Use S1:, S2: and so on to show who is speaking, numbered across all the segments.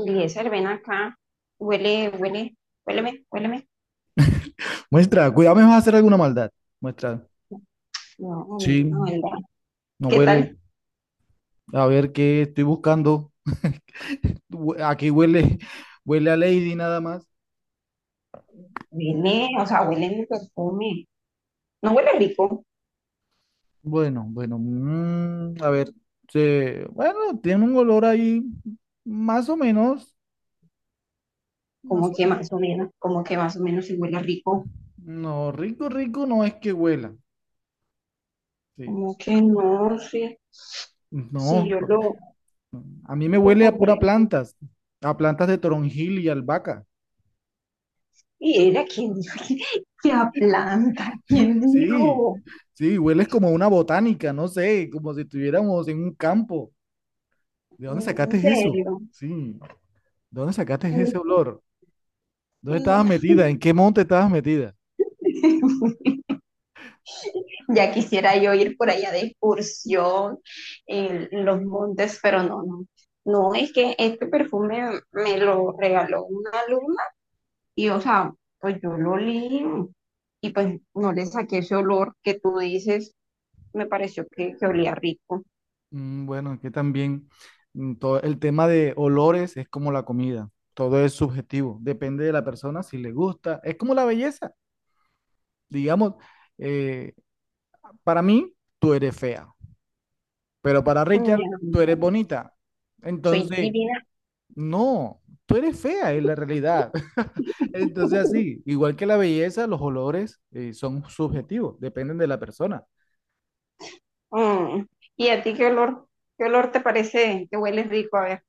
S1: Eliezer, ven acá, huele, huele, huéleme, huéleme.
S2: Muestra, cuidado, me vas a hacer alguna maldad. Muestra,
S1: No,
S2: sí,
S1: no, huelga.
S2: no
S1: ¿Qué tal?
S2: huele. A ver qué estoy buscando. Aquí huele, huele a Lady nada más.
S1: Huele, o sea, huele mi perfume. No huele rico,
S2: Bueno, bueno, a ver. Bueno, tiene un olor ahí más o menos,
S1: como
S2: más o
S1: que
S2: menos.
S1: más o menos, como que más o menos sí huele rico.
S2: No, rico, rico no es que huela. Sí.
S1: Como que no, sí, sí,
S2: No,
S1: yo
S2: a mí me
S1: lo
S2: huele a pura
S1: compré.
S2: plantas, a plantas de toronjil y albahaca.
S1: ¿Y ella quién dijo que aplanta? ¿Quién
S2: Sí,
S1: dijo?
S2: sí, hueles como a una botánica, no sé, como si estuviéramos en un campo. ¿De dónde sacaste
S1: En
S2: eso?
S1: serio.
S2: Sí, ¿de dónde sacaste ese olor? ¿Dónde
S1: No.
S2: estabas metida? ¿En qué monte estabas metida?
S1: Ya quisiera yo ir por allá de excursión en los montes, pero no, no. No, es que este perfume me lo regaló una alumna y, o sea, pues yo lo olí y pues no le saqué ese olor que tú dices, me pareció que olía rico.
S2: Bueno, que también todo el tema de olores es como la comida, todo es subjetivo, depende de la persona si le gusta, es como la belleza, digamos, eh, para mí tú eres fea, pero para
S1: Mi
S2: Richard tú eres
S1: amor,
S2: bonita.
S1: soy
S2: Entonces,
S1: divina.
S2: no, tú eres fea es la realidad. Entonces, así, igual que la belleza, los olores son subjetivos, dependen de la persona.
S1: Mm. ¿Y a ti qué olor te parece que huele rico? A ver.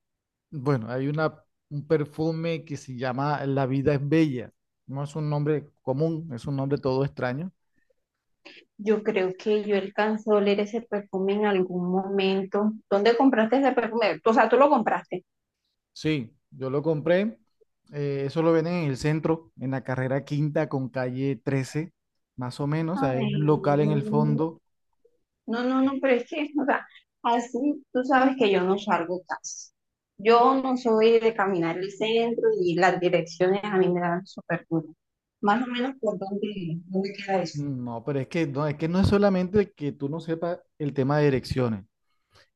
S2: Bueno, un perfume que se llama La vida es bella. No es un nombre común, es un nombre todo extraño.
S1: Yo creo que yo alcanzo a oler ese perfume en algún momento. ¿Dónde compraste ese perfume? O sea, tú lo compraste.
S2: Sí, yo lo compré. Eso lo venden en el centro, en la carrera quinta con calle 13, más o menos. Hay un
S1: Ay,
S2: local en el
S1: no,
S2: fondo.
S1: no, no, no, pero es que, o sea, así tú sabes que yo no salgo casi. Yo no soy de caminar el centro y las direcciones a mí me dan súper duro. Más o menos por dónde, dónde queda eso.
S2: No, pero es que no, es que no es solamente que tú no sepas el tema de direcciones.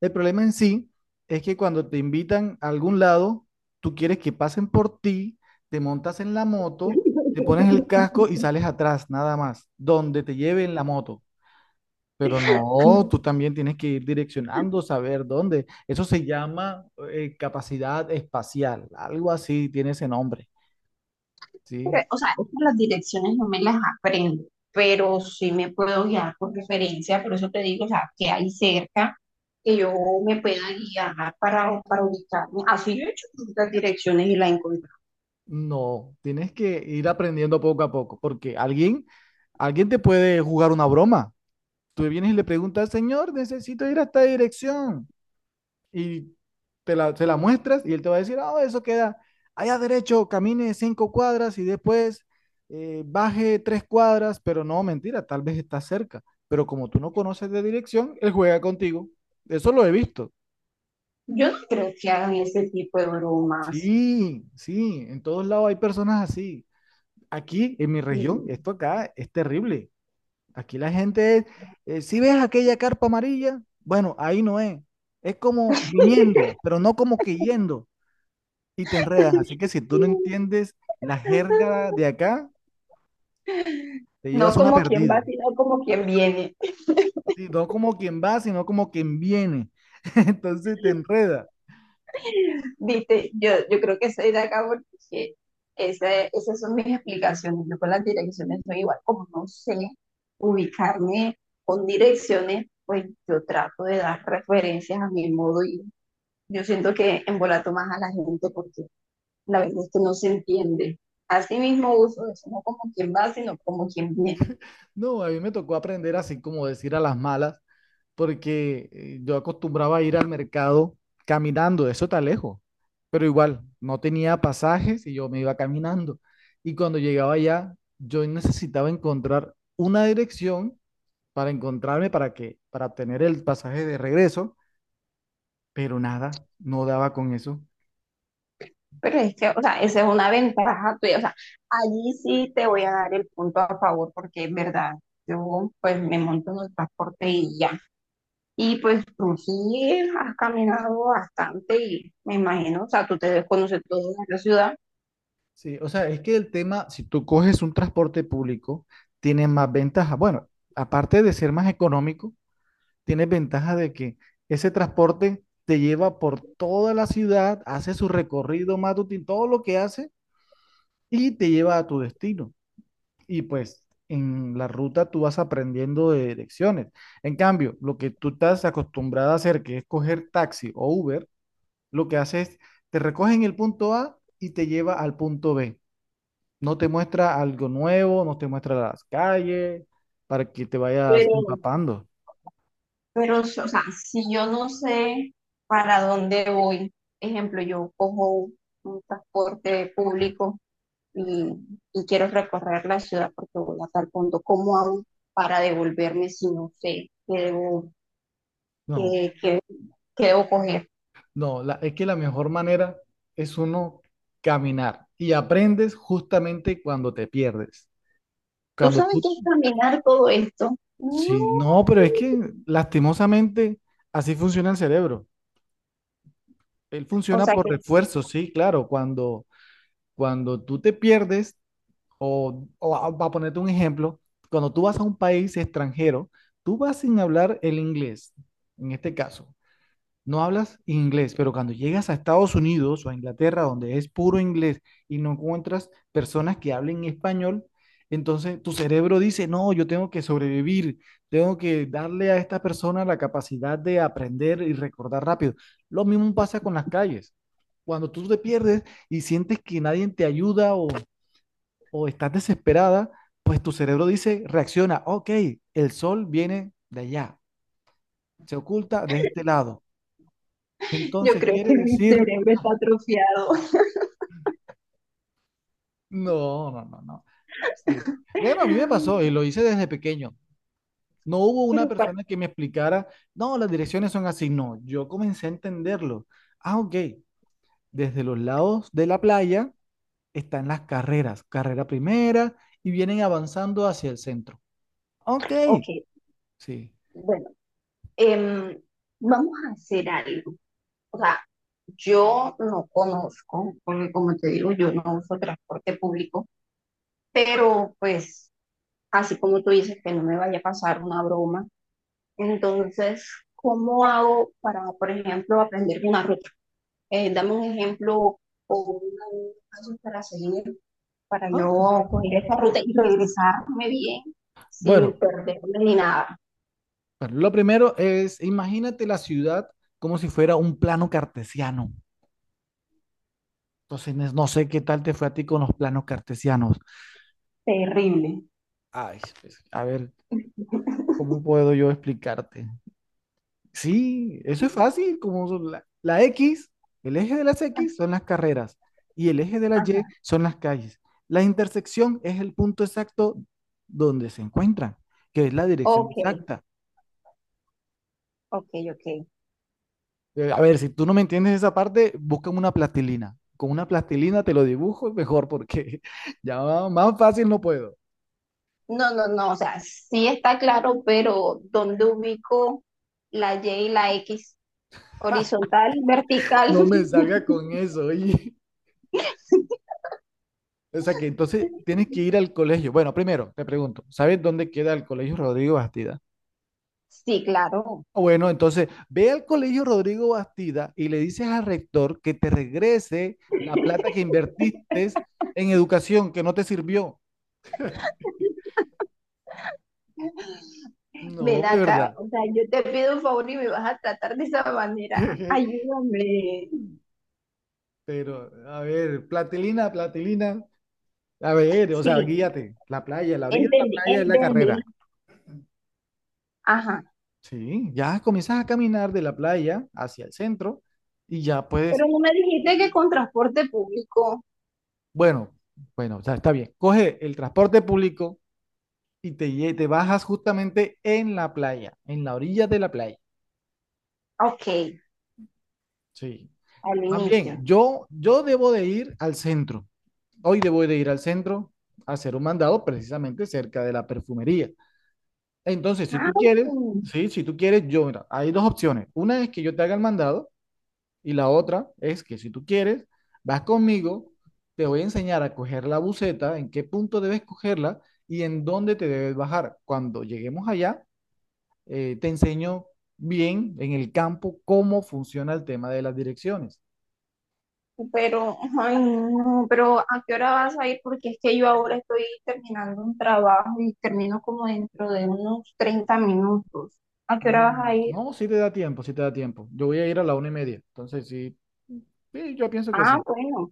S2: El problema en sí es que cuando te invitan a algún lado, tú quieres que pasen por ti, te montas en la moto, te pones el casco y sales atrás, nada más, donde te lleven la moto. Pero no, tú también tienes que ir direccionando, saber dónde. Eso se llama capacidad espacial, algo así tiene ese nombre, ¿sí?
S1: Pero, o sea, es que las direcciones no me las aprendo, pero sí me puedo guiar por referencia, por eso te digo, o sea, que hay cerca que yo me pueda guiar para ubicarme. Así yo he hecho las direcciones y la he encontrado.
S2: No, tienes que ir aprendiendo poco a poco, porque alguien te puede jugar una broma. Tú vienes y le preguntas, señor, necesito ir a esta dirección. Y se la muestras y él te va a decir, ah, oh, eso queda allá derecho, camine 5 cuadras y después baje 3 cuadras, pero no, mentira, tal vez está cerca. Pero como tú no conoces de dirección, él juega contigo. Eso lo he visto.
S1: Yo no creo que hagan ese tipo de bromas.
S2: Sí, sí, en todos lados hay personas así. Aquí, en mi región, esto acá es terrible. Aquí si ves aquella carpa amarilla, bueno, ahí no es. Es como viniendo, pero no como que yendo y te enredan. Así que si tú no entiendes la jerga de acá, te
S1: No
S2: llevas una
S1: como quien va,
S2: perdida.
S1: sino como quien viene.
S2: Sí, no como quien va, sino como quien viene. Entonces te enreda.
S1: Viste, yo creo que soy de acá porque esas son mis explicaciones. Yo con las direcciones soy igual, como no sé ubicarme con direcciones, pues yo trato de dar referencias a mi modo y yo siento que embolato más a la gente porque la verdad es que no se entiende. Así mismo uso eso, no como quien va, sino como quien viene.
S2: No, a mí me tocó aprender así como decir a las malas porque yo acostumbraba a ir al mercado caminando, eso está lejos, pero igual no tenía pasajes y yo me iba caminando. Y cuando llegaba allá, yo necesitaba encontrar una dirección para encontrarme para que para obtener el pasaje de regreso, pero nada, no daba con eso.
S1: Pero es que, o sea, esa es una ventaja tuya. O sea, allí sí te voy a dar el punto a favor porque es verdad. Yo pues me monto en el transporte y ya. Y pues tú sí has caminado bastante y me imagino, o sea, tú te debes conocer toda la ciudad,
S2: Sí, o sea, es que el tema, si tú coges un transporte público, tiene más ventajas. Bueno, aparte de ser más económico, tienes ventaja de que ese transporte te lleva por toda la ciudad, hace su recorrido matutino, todo lo que hace y te lleva a tu destino. Y pues en la ruta tú vas aprendiendo de direcciones. En cambio, lo que tú estás acostumbrado a hacer, que es coger taxi o Uber, lo que hace es te recoge en el punto A y te lleva al punto B. No te muestra algo nuevo, no te muestra las calles para que te vayas
S1: pero,
S2: empapando.
S1: pero, o sea, si yo no sé para dónde voy, ejemplo, yo cojo un transporte público y, y quiero recorrer la ciudad porque voy a tal punto, ¿cómo hago para devolverme si no sé qué debo,
S2: No,
S1: qué, qué debo coger?
S2: Es que la mejor manera es uno caminar y aprendes justamente cuando te pierdes.
S1: ¿Tú
S2: Cuando
S1: sabes
S2: tú,
S1: qué es caminar todo esto? No,
S2: sí, no, pero es que lastimosamente así funciona el cerebro. Él
S1: o
S2: funciona
S1: sea
S2: por
S1: que...
S2: refuerzo, sí, claro. Cuando tú te pierdes, para ponerte un ejemplo, cuando tú vas a un país extranjero, tú vas sin hablar el inglés, en este caso. No hablas inglés, pero cuando llegas a Estados Unidos o a Inglaterra, donde es puro inglés y no encuentras personas que hablen español, entonces tu cerebro dice, no, yo tengo que sobrevivir, tengo que darle a esta persona la capacidad de aprender y recordar rápido. Lo mismo pasa con las calles. Cuando tú te pierdes y sientes que nadie te ayuda o estás desesperada, pues tu cerebro dice, reacciona, ok, el sol viene de allá, se oculta de este lado.
S1: Yo
S2: Entonces
S1: creo que
S2: quiere
S1: mi
S2: decir
S1: cerebro está atrofiado.
S2: no, no, no, no. Sí. Bueno, a mí me pasó y lo hice desde pequeño. No hubo una
S1: Pero bueno,
S2: persona que me explicara, no, las direcciones son así. No, yo comencé a entenderlo. Ah, ok. Desde los lados de la playa están las carreras, carrera primera, y vienen avanzando hacia el centro. Ok,
S1: ok,
S2: sí.
S1: bueno, em, vamos a hacer algo. O sea, yo no conozco, porque como te digo, yo no uso transporte público, pero pues así como tú dices que no me vaya a pasar una broma, entonces, ¿cómo hago para, por ejemplo, aprender una ruta? Dame un ejemplo o un paso para seguir para
S2: Ah, ok.
S1: yo coger esa ruta y regresarme bien
S2: Bueno,
S1: sin perderme ni nada.
S2: bueno, lo primero es, imagínate la ciudad como si fuera un plano cartesiano. Entonces, no sé qué tal te fue a ti con los planos cartesianos.
S1: Terrible.
S2: Ay, pues, a ver, ¿cómo puedo yo explicarte? Sí, eso es fácil, como son la X, el eje de las X son las carreras y el eje de la
S1: Ajá.
S2: Y son las calles. La intersección es el punto exacto donde se encuentran, que es la dirección
S1: Ok,
S2: exacta.
S1: ok, ok.
S2: A ver, si tú no me entiendes esa parte, busca una plastilina. Con una plastilina te lo dibujo mejor porque ya más fácil no puedo.
S1: No, no, no, o sea, sí está claro, pero ¿dónde ubico la Y y la X? Horizontal, vertical.
S2: No me salga con eso, oye. O sea que entonces tienes que ir al colegio. Bueno, primero te pregunto, ¿sabes dónde queda el colegio Rodrigo Bastida?
S1: Sí, claro.
S2: Ah, bueno, entonces ve al colegio Rodrigo Bastida y le dices al rector que te regrese la plata que invertiste en educación, que no te sirvió. No,
S1: Ven
S2: de
S1: acá,
S2: verdad.
S1: o sea, yo te pido un favor y me vas a tratar de esa manera. Ayúdame.
S2: Pero, a ver, platilina, platilina. A ver, o sea,
S1: Sí,
S2: guíate. La playa, la orilla de la
S1: entendí,
S2: playa es la
S1: entendí.
S2: carrera.
S1: Ajá.
S2: Sí, ya comienzas a caminar de la playa hacia el centro y ya
S1: Pero
S2: puedes
S1: no me dijiste que con transporte público.
S2: bueno, bueno, o sea, está bien. Coge el transporte público y te bajas justamente en la playa, en la orilla de la playa.
S1: Ok,
S2: Sí.
S1: al
S2: Más
S1: inicio.
S2: bien, yo debo de ir al centro. Hoy debo de ir al centro a hacer un mandado precisamente cerca de la perfumería. Entonces,
S1: Ah, sí.
S2: sí, si tú quieres, yo, mira, hay dos opciones. Una es que yo te haga el mandado. Y la otra es que si tú quieres, vas conmigo, te voy a enseñar a coger la buceta, en qué punto debes cogerla y en dónde te debes bajar. Cuando lleguemos allá, te enseño bien en el campo cómo funciona el tema de las direcciones.
S1: Pero, ay, no, pero ¿a qué hora vas a ir? Porque es que yo ahora estoy terminando un trabajo y termino como dentro de unos 30 minutos. ¿A qué hora vas a ir?
S2: No, sí te da tiempo, sí te da tiempo. Yo voy a ir a la 1:30, entonces sí, sí, yo pienso que
S1: Ah,
S2: sí.
S1: bueno.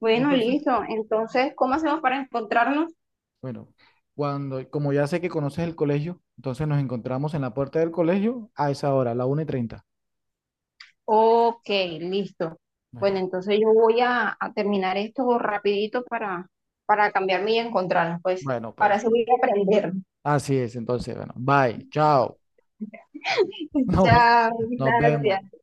S1: Bueno,
S2: Entonces,
S1: listo. Entonces, ¿cómo hacemos para encontrarnos?
S2: bueno, como ya sé que conoces el colegio, entonces nos encontramos en la puerta del colegio a esa hora, la 1:30.
S1: Ok, listo. Bueno,
S2: Bueno,
S1: entonces yo voy a terminar esto rapidito para cambiarme y encontrarnos. Pues
S2: bueno,
S1: ahora
S2: pues
S1: sí voy a aprender.
S2: así es. Entonces, bueno, bye, chao. No,
S1: Chao,
S2: nos vemos.
S1: gracias.